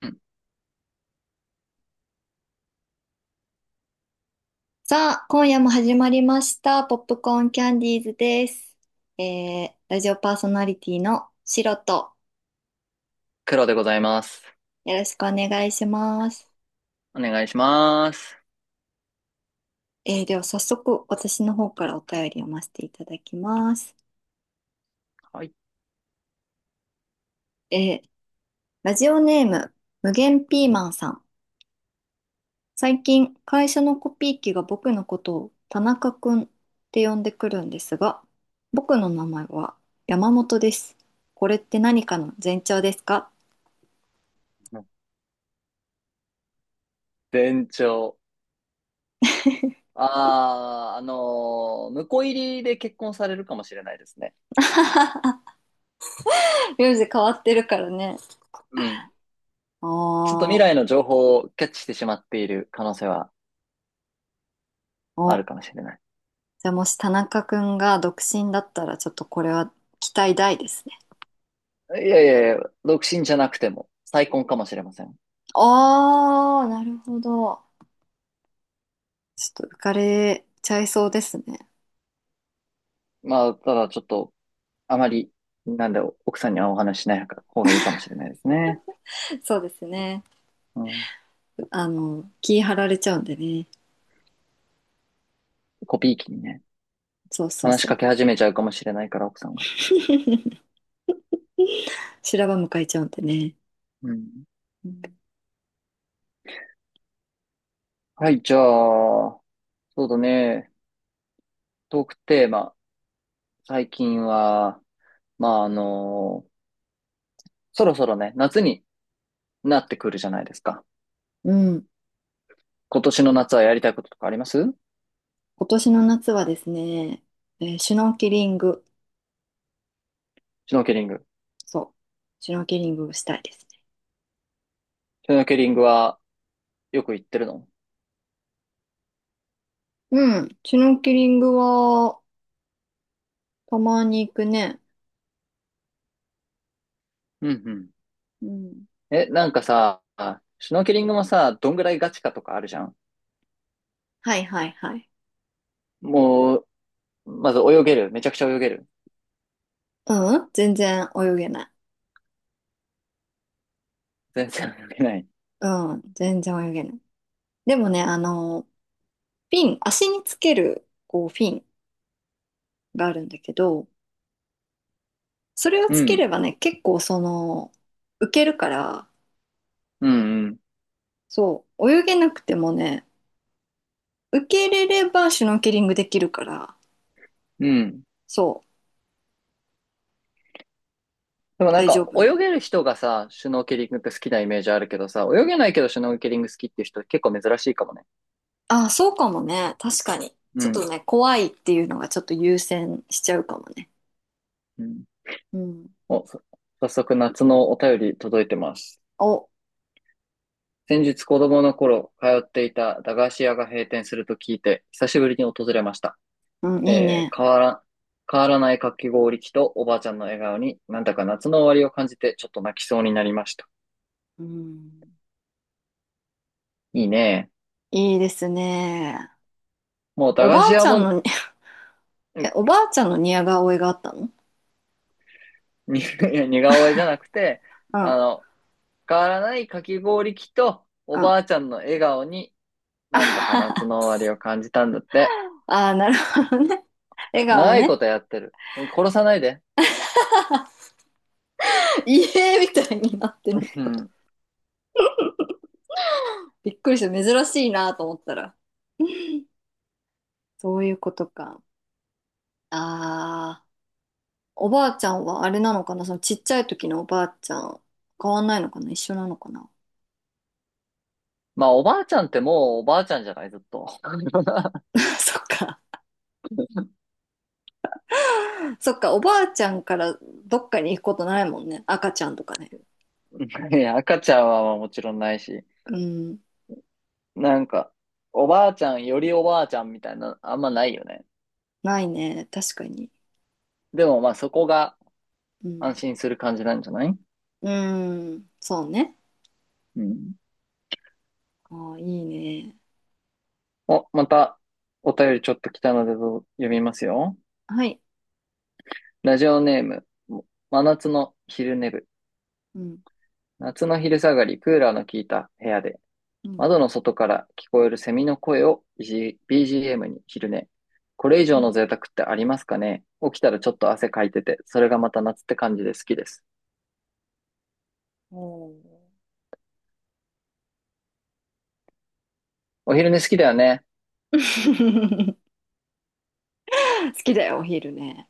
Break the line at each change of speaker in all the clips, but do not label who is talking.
うん。
さあ、今夜も始まりました。ポップコーンキャンディーズです。ラジオパーソナリティのシロと、
黒でございます。
よろしくお願いします。
お願いします。
では早速、私の方からお便りを読ませていただきます。
はい。
えー、ラジオネーム、無限ピーマンさん。最近、会社のコピー機が僕のことを田中くんって呼んでくるんですが、僕の名前は山本です。これって何かの前兆ですか？
店長。ああ、婿入りで結婚されるかもしれないですね。
名字変わってるからね。
うん。
あ
ちょっと未
あ、
来の情報をキャッチしてしまっている可能性はある
お、
かもしれない。
じゃあもし田中くんが独身だったら、ちょっとこれは期待大ですね。
いやいやいや、独身じゃなくても再婚かもしれません。
ああ、なるほど。ちょっと浮かれちゃいそうですね。
まあ、ただちょっと、あまり、なんで奥さんにはお話ししない方がいいかもしれないですね。
そうですね。
うん。
あの、気張られちゃうんでね。
コピー機にね、
そうそう
話し
そう。
かけ始めちゃうかもしれないから、奥さんが。
修羅場迎えちゃうんでね。
うん。
うん。
はい、じゃあ、そうだね。トークテーマ。最近は、まあ、そろそろね、夏になってくるじゃないですか。
うん。
今年の夏はやりたいこととかあります？
今年の夏はですね、シュノーケリング。
シュノーケリング。
そう。シュノーケリングをしたいですね。
シュノーケリングはよく行ってるの？
うん。シュノーケリングは、たまに行くね。
うんうん。
うん。
え、なんかさ、シュノーケリングもさ、どんぐらいガチかとかあるじゃん。
はいはいはい。
もう、まず泳げる。めちゃくちゃ泳げる。
うん、全然泳げない。
全然泳げない。
うん、全然泳げない。でもね、あの、フィン、足につける、こう、フィンがあるんだけど、それを
う
つけ
ん。
ればね、結構その、浮けるから、
うんうん。
そう、泳げなくてもね、浮けれればシュノーケリングできるから、
うん。
そ
でも
う、
なん
大丈
か
夫な
泳
の？
げる人がさ、シュノーケリングって好きなイメージあるけどさ、泳げないけどシュノーケリング好きっていう人結構珍しいかもね。
あ、そうかもね、確かに。
う
ちょっと
ん。
ね、怖いっていうのがちょっと優先しちゃうかもね。
うん。
うん。
お、早速夏のお便り届いてます。
お、
先日子供の頃通っていた駄菓子屋が閉店すると聞いて、久しぶりに訪れました。
うん、いい
えー
ね。
変わら、変わらないかき氷機とおばあちゃんの笑顔になんだか夏の終わりを感じてちょっと泣きそうになりました。
うん、
いいね。
いいですね。
もう
お
駄
ば
菓子
あち
屋
ゃん
も、
の、え、おばあちゃんの似顔絵があったの？
に いや似顔絵じゃなくて、
うん、うん。
あの、変わらないかき氷機とお
あ
ばあちゃんの笑顔になんだか夏の 終わりを感じたんだって。
あー、なるほどね。笑顔
長いこ
ね。
とやってる。殺さないで。
家みたいになってるの
う
かと。
ん。
びっくりした。珍しいなと思ったら。そういうことか。ああ、おばあちゃんはあれなのかな、そのちっちゃい時のおばあちゃん、変わんないのかな、一緒なのかな。
まあおばあちゃんってもうおばあちゃんじゃないずっと。
そっか。そっか、おばあちゃんからどっかに行くことないもんね。赤ちゃんとかね。
いや赤ちゃんはもちろんないし。
うん、
なんか、おばあちゃんよりおばあちゃんみたいな、あんまないよね。
ないね。確かに。
でもまあそこが
う
安
ん。
心する感じなんじゃない？
うーん、そうね。
うん。
ああ、いいね。
お、またお便りちょっと来たので読みますよ。
はい。
ラジオネーム、真夏の昼寝部。
うん、
夏の昼下がり、クーラーの効いた部屋で、
うん。
窓の外から聞こえるセミの声を BGM に昼寝。これ以
う
上の
ん。
贅沢ってありますかね？起きたらちょっと汗かいてて、それがまた夏って感じで好きです。
おー
お昼寝好きだよね。
好きだよ、お昼ね。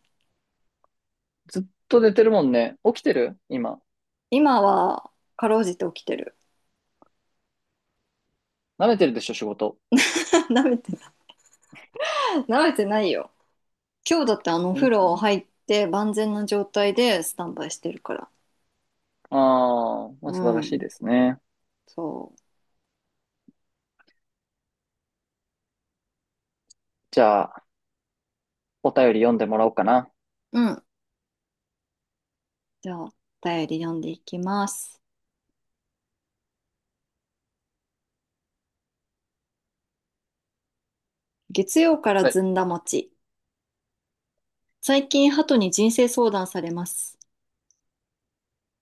ずっと寝てるもんね。起きてる今。
今は、かろうじて起きてる。
舐めてるでしょ、仕事。
舐めて、舐めてないよ。今日だってあの、お
ん
風
ん
呂入って万全な状態でスタンバイしてるから。
あー、まあ、
う
素晴らし
ん、
いですね。
そ
じゃあ、お便り読んでもらおうかな。
う。うん。じゃあ、お便り読んでいきます。月曜から
はい。
ずんだ餅。最近、鳩に人生相談されます。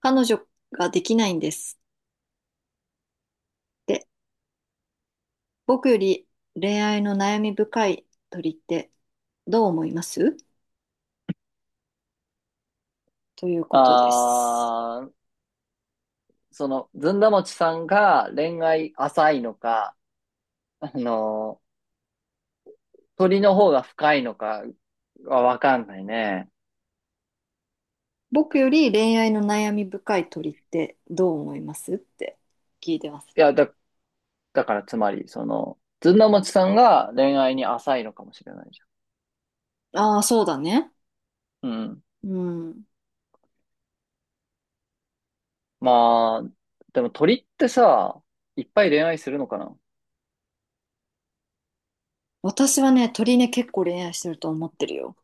彼女ができないんです。って僕より恋愛の悩み深い鳥ってどう思いますということです。
あー、その、ずんだもちさんが恋愛浅いのか、あの鳥の方が深いのかはわかんないね。
僕より恋愛の悩み深い鳥ってどう思いますって聞いてます。
いや、だからつまり、その、ずんだもちさんが恋愛に浅いのかもしれないじ
ああ、そうだね。
ゃん。うん。
うん。
まあ、でも鳥ってさ、いっぱい恋愛するのかな？
私はね、鳥ね、結構恋愛してると思ってるよ。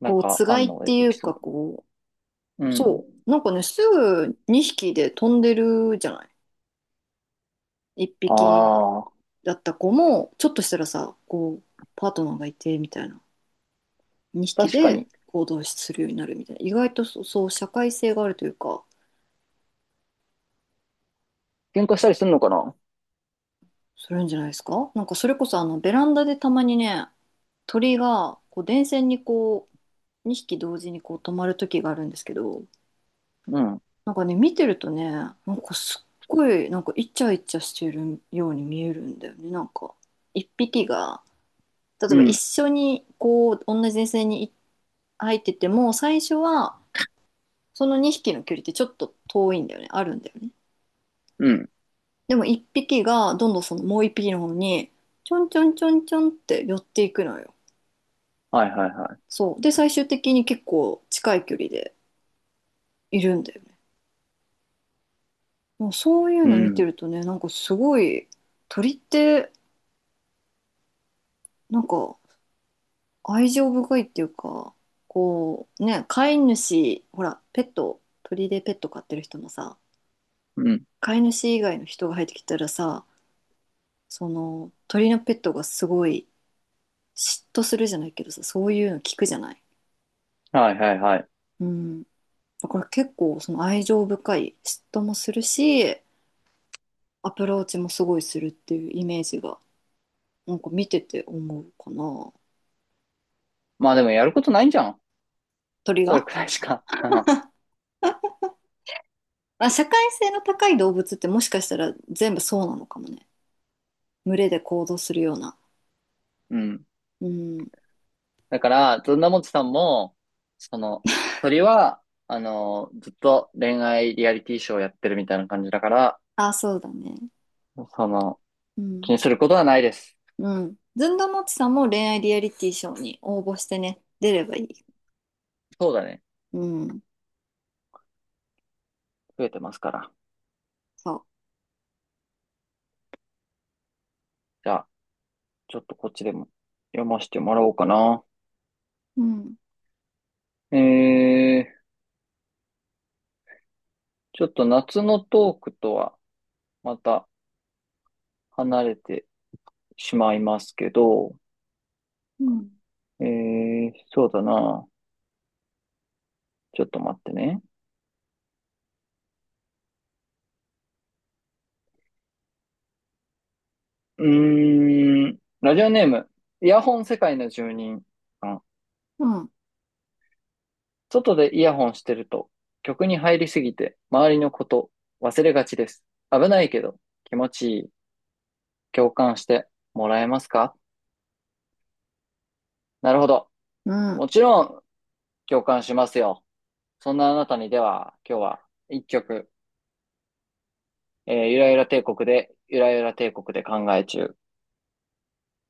なん
こう、
か、
つ
あ
がい
ん
っ
の
て
エ
い
ピ
う
ソー
か、
ド。
こう、
うん。
そう。なんかね、すぐ2匹で飛んでるじゃない。1
あ
匹
あ、
だった子も、ちょっとしたらさ、こう、パートナーがいてみたいな。2匹
確か
で
に。
行動するようになるみたいな。意外とそうそう社会性があるというか、
喧嘩したりするのかな？
するんじゃないですか。なんかそれこそあのベランダでたまにね、鳥がこう電線にこう2匹同時にこう止まる時があるんですけど、
うん。
なんかね、見てるとね、なんかすっごい、なんかイチャイチャしてるように見えるんだよね。なんか1匹が例え
う
ば一
ん。
緒にこう同じ電線に入ってても、最初はその2匹の距離ってちょっと遠いんだよね、あるんだよね。
うん。
でも一匹がどんどんそのもう一匹の方にちょんちょんちょんちょんって寄っていくのよ。
はいはいは
そう。で、最終的に結構近い距離でいるんだよね。もうそういう
い。う
の見て
ん。
るとね、なんかすごい鳥ってなんか愛情深いっていうか、こうね、飼い主、ほら、ペット、鳥でペット飼ってる人もさ、
うん。
飼い主以外の人が入ってきたらさ、その鳥のペットがすごい嫉妬するじゃないけどさ、そういうの聞くじゃない。
はいはいはい。
うん。だから結構その愛情深い、嫉妬もするし、アプローチもすごいするっていうイメージが、なんか見てて思うかな。
まあでもやることないんじゃん。
鳥
それ
が。
くらいしか。
あ、社会性の高い動物ってもしかしたら全部そうなのかもね。群れで行動するような。
うん。
うん。
だから、ずんだもちさんも、その、鳥は、あの、ずっと恋愛リアリティショーをやってるみたいな感じだから、
あ、そうだね。
その、
う
気
ん。
にすることはないです。
うん。ずんどうもちさんも恋愛リアリティショーに応募してね、出ればいい。
そうだね。
うん。
増えてますから。
そ
じゃあ、ちょっとこっちでも読ませてもらおうかな。
う。うん。
えー、ちょっと夏のトークとはまた離れてしまいますけど、
うん。
えー、そうだな。ちょっと待ってね。うーん、ラジオネーム、イヤホン世界の住人さん。
うん。
外でイヤホンしてると、曲に入りすぎて、周りのこと忘れがちです。危ないけど、気持ちいい。共感してもらえますか？なるほど。
うん。
もちろん、共感しますよ。そんなあなたにでは、今日は一曲、えーゆらゆら帝国で、ゆらゆら帝国で考え中。